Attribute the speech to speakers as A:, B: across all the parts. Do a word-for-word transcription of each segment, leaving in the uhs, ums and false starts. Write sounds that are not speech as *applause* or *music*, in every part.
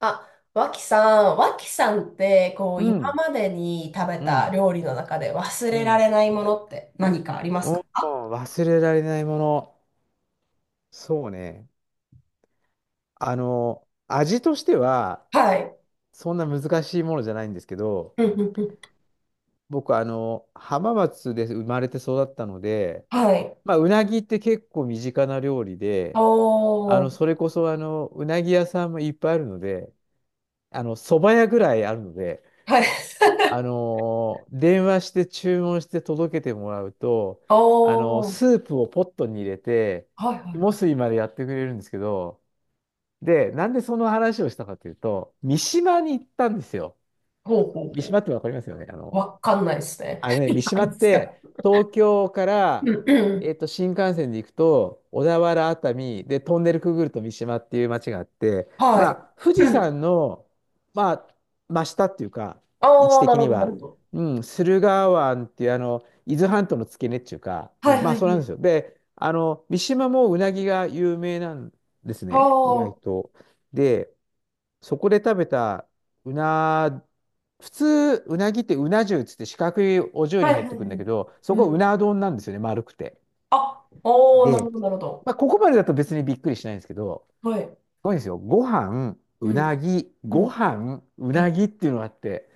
A: あ、脇さん、脇さんって、こう、
B: う
A: 今
B: ん、
A: までに食べ
B: う
A: た
B: ん、
A: 料理の中で忘
B: う
A: れら
B: ん。
A: れないものって何かあります
B: お
A: か？
B: ー、忘れられないもの。そうね。あの、味としては、
A: はい。
B: そんな難しいものじゃないんですけど、
A: うんうんうん。
B: 僕、あの、浜松で生まれて育ったので、
A: はい。
B: まあ、うなぎって結構身近な料理で、あ
A: お
B: の、
A: ー。
B: それこそ、あの、うなぎ屋さんもいっぱいあるので、あの、蕎麦屋ぐらいあるので、
A: はい。
B: あのー電話して注文して届けてもらうと、
A: *laughs*
B: あのー
A: おー。
B: スープをポットに入れて、
A: はいは
B: 肝
A: い。
B: 水いまでやってくれるんですけど、で、なんでその話をしたかというと、三島に行ったんですよ。
A: ほうほう
B: 三島
A: ほ
B: ってわかりますよね。あ
A: う。
B: の、
A: わかんないですね。
B: あのね、三
A: *laughs*
B: 島
A: 何
B: っ
A: ですか？
B: て、東京か
A: う
B: ら、
A: んう
B: えっ
A: ん。
B: と、新幹線で行くと、小田原、熱海、で、トンネルくぐると三島っていう町があって、ま
A: は
B: あ、富
A: い。
B: 士
A: うん。
B: 山の、まあ、真下っていうか、位置
A: ああ、な
B: 的
A: る
B: に
A: ほど、なる
B: は、
A: ほど。
B: うん、駿河湾っていう、あの、伊豆半島の付け根っていうか、う
A: は
B: ん、
A: い
B: ま
A: は
B: あ、
A: い
B: そうな
A: は
B: んで
A: い。
B: すよ。で、あの、三島もうなぎが有名なんです
A: あ
B: ね、
A: あ、
B: 意外
A: は
B: と。で、そこで食べたうな、普通、うなぎってうな重っつって四角いお重
A: いは
B: に入っ
A: いは
B: てくるんだけ
A: い。
B: ど、そ
A: う
B: こう
A: ん。
B: な丼なんですよね、丸くて。
A: あ、おー、なる
B: で、
A: ほど、なるほど。
B: まあ、ここまでだと別にびっくりしないんですけど、
A: はい。
B: すごいんですよ。ご飯、
A: う
B: う
A: ん。
B: なぎ、
A: う
B: ご
A: ん。
B: 飯、うなぎっていうのがあって、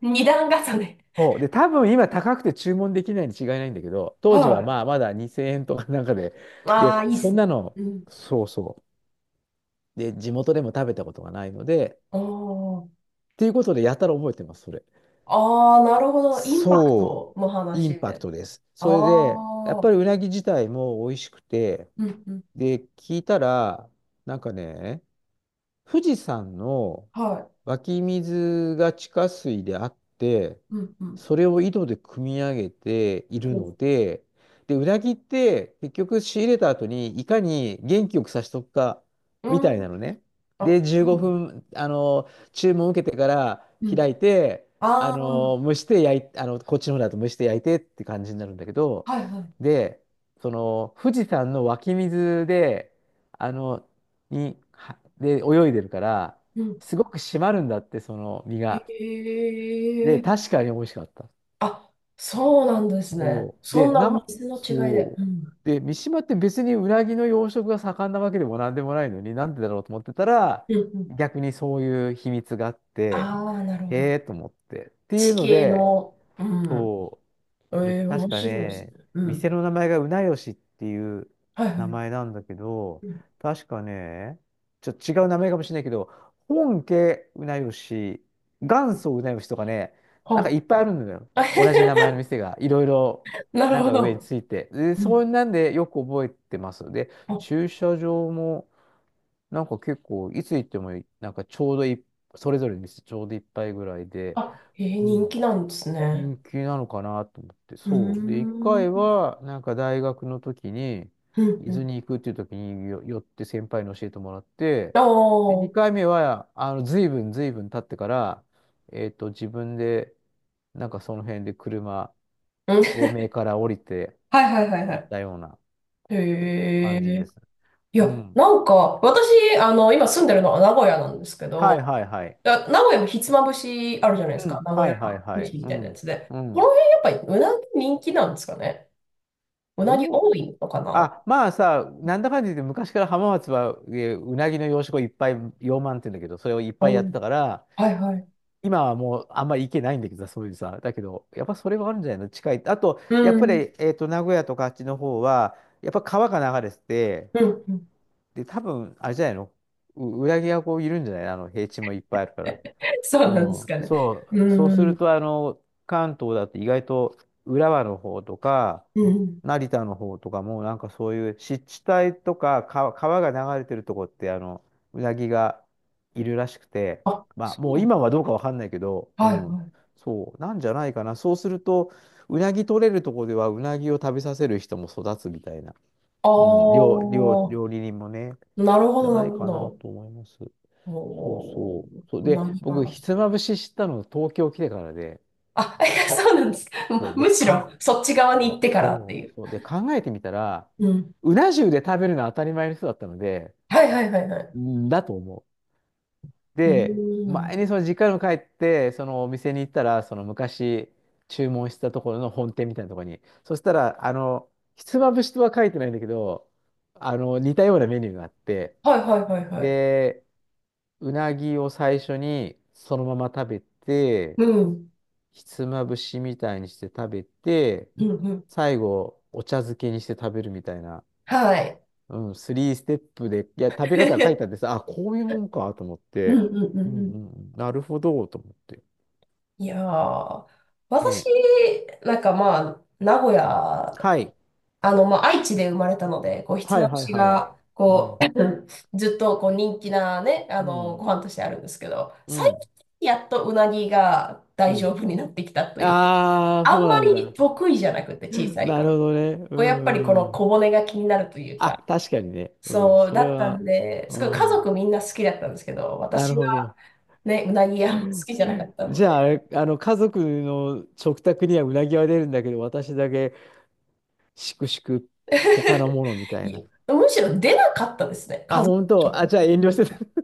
A: 二段重ね。
B: そう。で、多分今高くて注文できないに違いないんだけど、当時
A: は
B: は
A: い。
B: まあまだにせんえんとかなんかで、
A: あ
B: で、
A: あ、いいっ
B: そ
A: す
B: ん
A: ね。
B: なの、
A: うん。
B: そうそう。で、地元でも食べたことがないので、
A: あ
B: っていうことでやたら覚えてます、それ。
A: あ、ああ、なるほど。インパク
B: そう、
A: トの
B: イ
A: 話
B: ン
A: み
B: パ
A: た
B: ク
A: いな。
B: トです。それで、やっ
A: ああ、
B: ぱりうなぎ自体も美味しくて、
A: うんうん。
B: で、聞いたら、なんかね、富士山の
A: は
B: 湧き水が地下水であって、
A: い。うんうん。
B: それを井戸で汲み上げている
A: ほ
B: の
A: う。
B: で、で、うなぎって結局仕入れた後にいかに元気よくさしとくか
A: う
B: みたい
A: ん。
B: なのね。で、
A: あ、
B: 15
A: そう。
B: 分、あの、注文受けてから
A: うん。
B: 開いて、あ
A: ああ、
B: の、蒸して焼い、あの、こっちの方だと蒸して焼いてって感じになるんだけど、
A: はいはい。
B: で、その、富士山の湧き水で、あの、に、はで、泳いでるから、
A: うん。
B: すごく締まるんだって、その身が。
A: へ
B: で、
A: え。
B: 確かに美味しかった。
A: あ、そうなんですね。
B: そう。
A: そ
B: で、
A: んな
B: な、
A: 水の違いで。
B: そ
A: うん。
B: う。で、三島って別にうなぎの養殖が盛んなわけでもなんでもないのに、なんでだろうと思ってたら、
A: うんうん。
B: 逆にそういう秘密があって、
A: ああ、なるほ
B: へ
A: ど。
B: えと思って。ってい
A: 地
B: うの
A: 形
B: で、
A: の。うん。
B: そ
A: え
B: う。それで
A: え、
B: 確
A: 面
B: か
A: 白いですね。
B: ね、
A: う
B: 店
A: ん。
B: の名前がうなよしっていう
A: はいは
B: 名
A: い。
B: 前なんだけど、
A: うん。
B: 確かね、ちょっと違う名前かもしれないけど、本家うなよし、元祖うなよしとかね、なんか
A: は
B: いっぱいあるんだよ。
A: あ。
B: 同じ名前
A: *laughs*
B: の店が、いろいろ、
A: なる
B: なん
A: ほ
B: か上に
A: ど。
B: ついて。で、
A: う
B: そ
A: ん。
B: んなんでよく覚えてます。で、
A: あ、
B: 駐車場も、なんか結構、いつ行っても、なんかちょうどいい、それぞれの店ちょうどいっぱいぐらいで、
A: あ、へ、
B: う
A: 人
B: ん、
A: 気なんですね。
B: 人気なのかなと思って、
A: う
B: そう。で、一
A: ー
B: 回
A: ん。
B: は、なんか大学の時に、
A: うん、
B: 伊
A: う
B: 豆
A: ん。
B: に行くっていう時によ寄って先輩に教えてもらって、
A: ああ、
B: で、二
A: うん。
B: 回目は、あの、随分随分経ってから、えっと、自分で、なんかその辺で車、東名から降りて
A: はいはいはいは
B: 行っ
A: い。
B: たような
A: へ
B: 感じで
A: え。
B: す。
A: い
B: う
A: や、
B: ん。
A: なんか、私、あの、今住んでるのは名古屋なんですけ
B: はい
A: ど、
B: はいはい。
A: あ、名古屋もひつまぶしあるじゃないです
B: う
A: か。
B: ん。
A: 名古
B: は
A: 屋
B: いはいはい。
A: 飯み
B: う
A: たいなや
B: ん。
A: つで。
B: う
A: この
B: ん。
A: 辺やっぱりうなぎ人気なんですかね。うなぎ
B: どう、
A: 多いのかな。
B: あ、まあさ、なんだかんだ言って昔から浜松は、えーうなぎの養殖をいっぱい、養鰻って言うんだけど、それをいっぱい
A: う
B: やって
A: ん。
B: たから、
A: はいはい。
B: 今はもうあんまり行けないんだけどさ、そういうさ、だけど、やっぱそれはあるんじゃないの近い。あと、
A: う
B: やっぱ
A: ん。
B: り、えっと、名古屋とかあっちの方は、やっぱ川が流れてて、
A: うん。うん。
B: で、多分、あれじゃないのう、うなぎがこういるんじゃないあの、平地もいっぱいあるから。
A: *laughs* そうなんで
B: う
A: す
B: ん。
A: かね。
B: そ
A: う
B: う、そうする
A: ん。
B: と、あの、関東だって意外と浦和の方とか、
A: うん。
B: 成田の方とかも、なんかそういう湿地帯とか、川、川が流れてるとこって、あの、うなぎがいるらしくて、
A: あ、
B: まあ、
A: そ
B: もう
A: う。
B: 今はどうかわかんないけど、う
A: はい
B: ん、
A: はい。
B: そう、なんじゃないかな。そうすると、うなぎ取れるとこでは、うなぎを食べさせる人も育つみたいな、
A: あ
B: うん、料、料、
A: あ、
B: 料理人もね、
A: なるほ
B: じゃ
A: ど、な
B: ない
A: るほ
B: かな
A: ど。
B: と思います。そう
A: おー、
B: そう。そう
A: うな
B: で、
A: る
B: 僕、
A: ほ
B: ひつ
A: ね。
B: まぶし知ったの東京来てからで、
A: あ、*laughs* そうなんですか。
B: そ
A: *laughs*
B: う、で、
A: む、むし
B: か
A: ろ、
B: ん、
A: そっち側に
B: そ
A: 行
B: う
A: ってからって
B: そ
A: い
B: う、
A: う。
B: そうで、考えてみたら、
A: うん。
B: うな重で食べるのは当たり前の人だったので、
A: はいはいはいはい。
B: んだと思う。
A: うー
B: で、前に
A: ん。
B: その実家にも帰って、そのお店に行ったら、その昔注文したところの本店みたいなところに、そしたら、あの、ひつまぶしとは書いてないんだけど、あの、似たようなメニューがあって、
A: はいはいはいはい。
B: で、うなぎを最初にそのまま食べて、
A: うん。
B: ひつまぶしみたいにして食べて、
A: うんうん。
B: 最後、お茶漬けにして食べるみたいな、
A: はい。
B: うん、スリーステップで、いや、食べ方が書いてあって
A: *laughs*
B: さ、あ、こういうもんかと思っ
A: うん
B: て、
A: うんう
B: うん
A: んう
B: う
A: ん。
B: んうん、なるほど、と思って。
A: いやー、私、
B: ね。
A: なんかまあ、名古屋、
B: はい。
A: あの、まあ、愛知で生まれたので、こう、ひつ
B: はい
A: まぶ
B: はい
A: し
B: はい。
A: が、
B: う
A: こ
B: ん、
A: う、*clears throat* ずっとこう人気なね、あ
B: う
A: の、ご
B: ん、
A: 飯としてあるんですけど、
B: う
A: 最
B: ん、
A: 近やっとうなぎが
B: う
A: 大丈
B: ん。
A: 夫になってきたという、
B: ああ、
A: あ
B: そ
A: ん
B: う
A: ま
B: なん
A: り
B: だ。
A: 得意じゃなくて、小
B: *laughs*
A: さい
B: なる
A: 頃。
B: ほどね。う
A: こう、やっぱりこの
B: ん。
A: 小骨が気になるというか、
B: あ、確かにね。うん、
A: そう
B: そ
A: だ
B: れ
A: ったん
B: は、
A: で、
B: う
A: すごい家
B: ん、
A: 族みんな好きだったんですけど、
B: なる
A: 私
B: ほ
A: は
B: ど。
A: ね、うなぎあんま好きじゃなかったの
B: じゃあ、
A: で、
B: あれ、あの、家族の食卓にはうなぎは出るんだけど、私だけしくしく他の
A: *laughs*
B: ものみたい
A: い
B: な。
A: や、むしろ出なかったですね。
B: あ、
A: 家族
B: 本
A: と
B: 当。
A: か。
B: あ、じゃあ遠慮して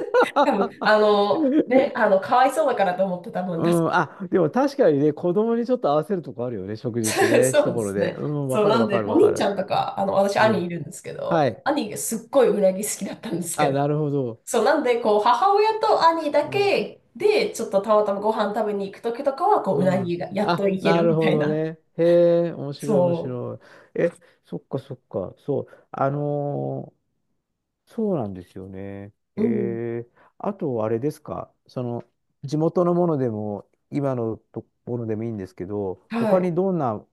B: た。
A: 多分、
B: *laughs*
A: あの、ね、あの、かわいそうだからと思って多分
B: う
A: 出す。
B: ん。あ、でも確かにね、子供にちょっと合わせるとこあるよね、食事って
A: *laughs*
B: ね、
A: そ
B: 一
A: うで
B: 頃
A: す
B: で。
A: ね。
B: うん、わ
A: そう、
B: かる
A: なん
B: わ
A: で、
B: かる
A: お
B: わか
A: 兄ち
B: る。
A: ゃんとか、あの、私、
B: う
A: 兄
B: ん。
A: いるんですけ
B: は
A: ど、
B: い。
A: 兄がすっごいうなぎ好きだったんですけ
B: あ、
A: ど、
B: なるほど。
A: そう、なんで、こう、母親と兄だ
B: うん。
A: けで、ちょっとたまたまご飯食べに行くときとかは、こう、うな
B: うん。
A: ぎがやっと
B: あ、
A: いけ
B: な
A: る
B: る
A: みた
B: ほ
A: い
B: ど
A: な。
B: ね。へえ、面白い面
A: そ
B: 白い。え、そっかそっか。そう。あのーそうなんですよね。え
A: う。うん。
B: ー、あと、あれですか、その、地元のものでも、今のところでもいいんですけど、
A: は
B: 他
A: い。
B: にどんな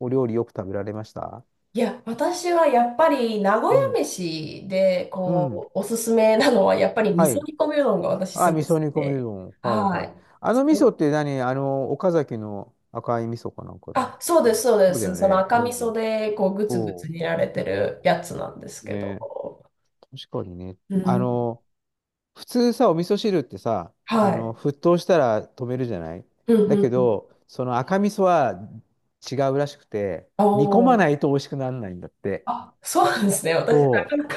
B: お料理よく食べられました？
A: いや、私はやっぱり名古
B: う
A: 屋
B: ん。
A: 飯で、
B: うん。
A: こう、おすすめなのは、やっぱり味
B: は
A: 噌
B: い。
A: 煮込みうどんが私す
B: あ、
A: ご
B: 味
A: い好
B: 噌
A: き
B: 煮込みう
A: で。
B: どん。はい
A: は
B: はい。
A: い。
B: あの味噌って何、あの、岡崎の赤い味噌かなんかの。
A: あ、そう
B: は
A: で
B: い、
A: す、そうで
B: そうだ
A: す。
B: よ
A: その
B: ね。う
A: 赤味噌
B: ん。
A: で、こう、ぐつぐつ
B: そ
A: 煮られてるやつなんです
B: う。
A: けど。
B: ね、確かにね。
A: う
B: あ
A: ん。
B: の、普通さ、お味噌汁ってさ、
A: は
B: あの、
A: い。
B: 沸騰したら止めるじゃない、
A: うん
B: だ
A: う
B: け
A: んうん。
B: ど、その赤味噌は違うらしくて、煮込ま
A: おー。
B: ないと美味しくならないんだって。
A: あ、そうなんですね。私、な
B: そ
A: かなか。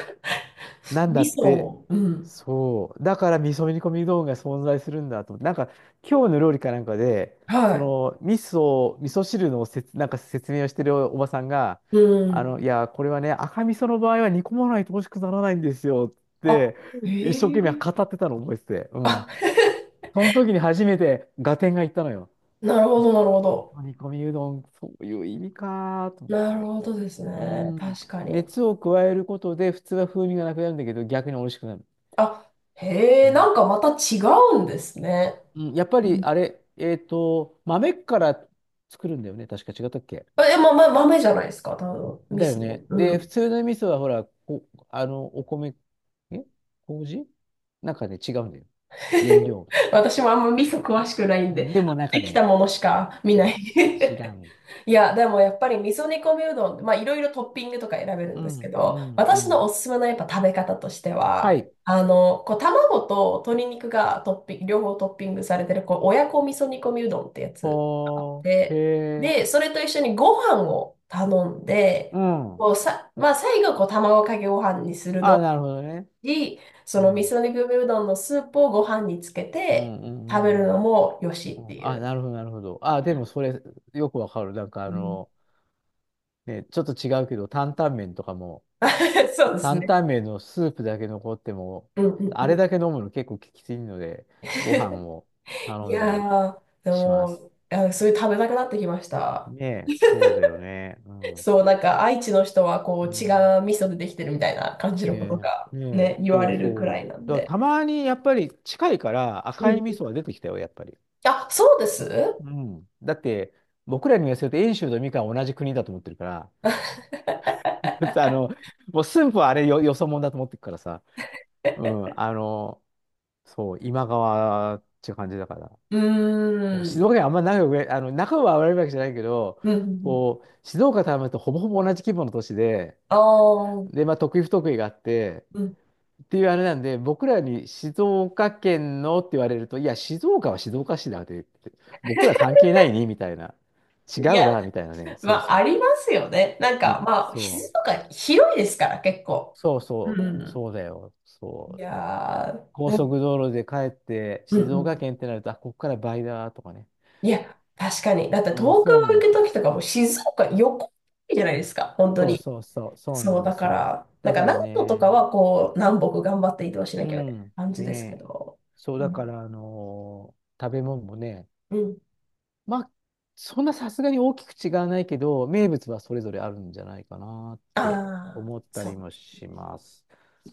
B: う。な
A: *laughs*
B: んだ
A: 味
B: っ
A: 噌
B: て。
A: を。うん。
B: そう。だから味噌煮込み道具が存在するんだと思って。なんか、今日の料理かなんかで、
A: は
B: そ
A: い。
B: の、味噌、味噌汁のせつ、なんか説明をしてるおばさんが、
A: う
B: あ
A: ん。
B: の、いや、これはね、赤味噌の場合は煮込まないと美味しくならないんですよっ
A: あ、
B: て、
A: へ
B: 一生懸命
A: え。
B: 語ってたのを覚えてて。う
A: あ、
B: ん、
A: *laughs*
B: その時に初めて合点がいったのよ。
A: なるほ
B: あ、
A: ど、なるほど。
B: 煮込みうどん、そういう意味かーと思っ
A: な
B: て。
A: るほどです
B: う
A: ね。
B: ん。
A: 確かに。
B: 熱を加えることで、普通は風味がなくなるんだけど、逆に美味しくなる。
A: あ、へ
B: う
A: え、
B: ん。
A: なんかまた違うんですね。
B: うん、やっぱ
A: う
B: り、あ
A: ん。
B: れ、えっと、豆から作るんだよね。確か違ったっけ、
A: え、ま、ま、豆じゃないですか、多分、味
B: だよ
A: 噌。
B: ね。
A: う
B: で、普
A: ん。
B: 通の味噌は、ほら、こ、あの、お米、え麹なんかね、違うんだよ。原料。
A: *laughs* 私もあんま味噌詳しくない
B: う
A: んで、
B: ん、でも、なんか
A: でき
B: ね、
A: たものしか見
B: そ
A: な
B: う、
A: い。
B: ち違う。
A: *laughs* いや、でもやっぱり味噌煮込みうどん、まあいろいろトッピングとか選べる
B: う
A: んですけ
B: ん、う
A: ど、
B: ん、う
A: 私の
B: ん。
A: おすすめのやっぱ食べ方として
B: は
A: は、
B: い。
A: あの、こう卵と鶏肉がトッピング、両方トッピングされてる、こう親子味噌煮込みうどんってやつがあっ
B: ほーへ
A: て、
B: え、
A: で、それと一緒にご飯を頼ん
B: う
A: で、
B: ん。
A: こうさ、まあ最後こう卵かけご飯にする
B: あ、
A: の
B: なるほどね。
A: し、そ
B: う
A: の味
B: ん。
A: 噌肉込うどんのスープをご飯につけ
B: う
A: て
B: んう
A: 食べ
B: んうんう
A: るの
B: ん。
A: もよし
B: う
A: って
B: ん、
A: い
B: あ、
A: う。
B: なるほど、なるほど。あ、でもそれ、よくわかる。なんかあ
A: うん。
B: の、ね、ちょっと違うけど、担々麺とかも、
A: *laughs* そうです
B: 担
A: ね。
B: 々麺のスープだけ残っても、
A: うんうんう
B: あれ
A: ん。
B: だけ飲むの結構きついので、ご飯
A: *laughs*
B: を
A: い
B: 頼んだり
A: やー、で
B: します。
A: も、あ、そういう食べたくなってきました。
B: ねえ、そうだよね。うん。
A: そう、なんか愛知の人はこう違う
B: ね
A: 味噌でできてるみたいな感じのこ
B: え、
A: と
B: ね
A: が
B: え、ね
A: ね、
B: え、
A: 言わ
B: そう
A: れるく
B: そ
A: ら
B: う。
A: いなん
B: だから
A: で。
B: たまにやっぱり近いから
A: う
B: 赤い
A: ん。
B: 味噌は出てきたよ、やっぱり。
A: あ、そうです。
B: うん。だって、僕らに言わせると、遠州とみかんは同じ国だと思ってるから、
A: *laughs* う
B: *laughs* だってあの、もう駿府はあれよ、よそ者だと思ってるからさ、うん、あの、そう、今川っていう感じだから、
A: ー
B: そう、静
A: ん。
B: 岡県あんま仲良く、あの、仲は悪いわけじゃないけど、
A: うん。
B: こう、静岡とあんまりとほぼほぼ同じ規模の都市で、
A: ああ。
B: で、まあ、得意不得意があって、
A: うん。
B: っていうあれなんで、僕らに静岡県のって言われると、いや、静岡は静岡市だって、僕ら
A: *laughs*
B: 関係ないね、みたいな。違
A: い
B: う
A: や、
B: な、みたいなね。そう
A: まあ、
B: そう。
A: ありますよね。なん
B: ね、
A: か、まあ、
B: そ
A: 質
B: う
A: とか広いですから、結構。
B: そう
A: う
B: そう、
A: ん。
B: そうだよ。そ
A: い
B: う。
A: やー、
B: 高
A: でも。
B: 速道路で帰って
A: うん
B: 静
A: う
B: 岡
A: ん。
B: 県ってなると、あ、ここから倍だとかね。
A: いや、確かに。だって
B: う。うん、
A: 東
B: そ
A: 京
B: う
A: 行
B: なんで
A: く
B: す
A: と
B: よ。
A: きとかも静岡横じゃないですか、本当
B: そう
A: に。
B: そうそう、そうな
A: そ
B: ん
A: う、
B: で
A: だ
B: す。
A: から、な
B: だ
A: んか
B: から
A: 長野と
B: ね、
A: かはこう、南北頑張って移動しな
B: う
A: きゃみたいけない
B: ん、
A: 感じですけ
B: ね、
A: ど。
B: そう
A: う
B: だか
A: ん。
B: ら、あのー食べ物もね、
A: うん。
B: まあ、そんなさすがに大きく違わないけど、名物はそれぞれあるんじゃないかなって
A: ああ、
B: 思った
A: そ
B: り
A: うで
B: も
A: す
B: し
A: ね。
B: ます。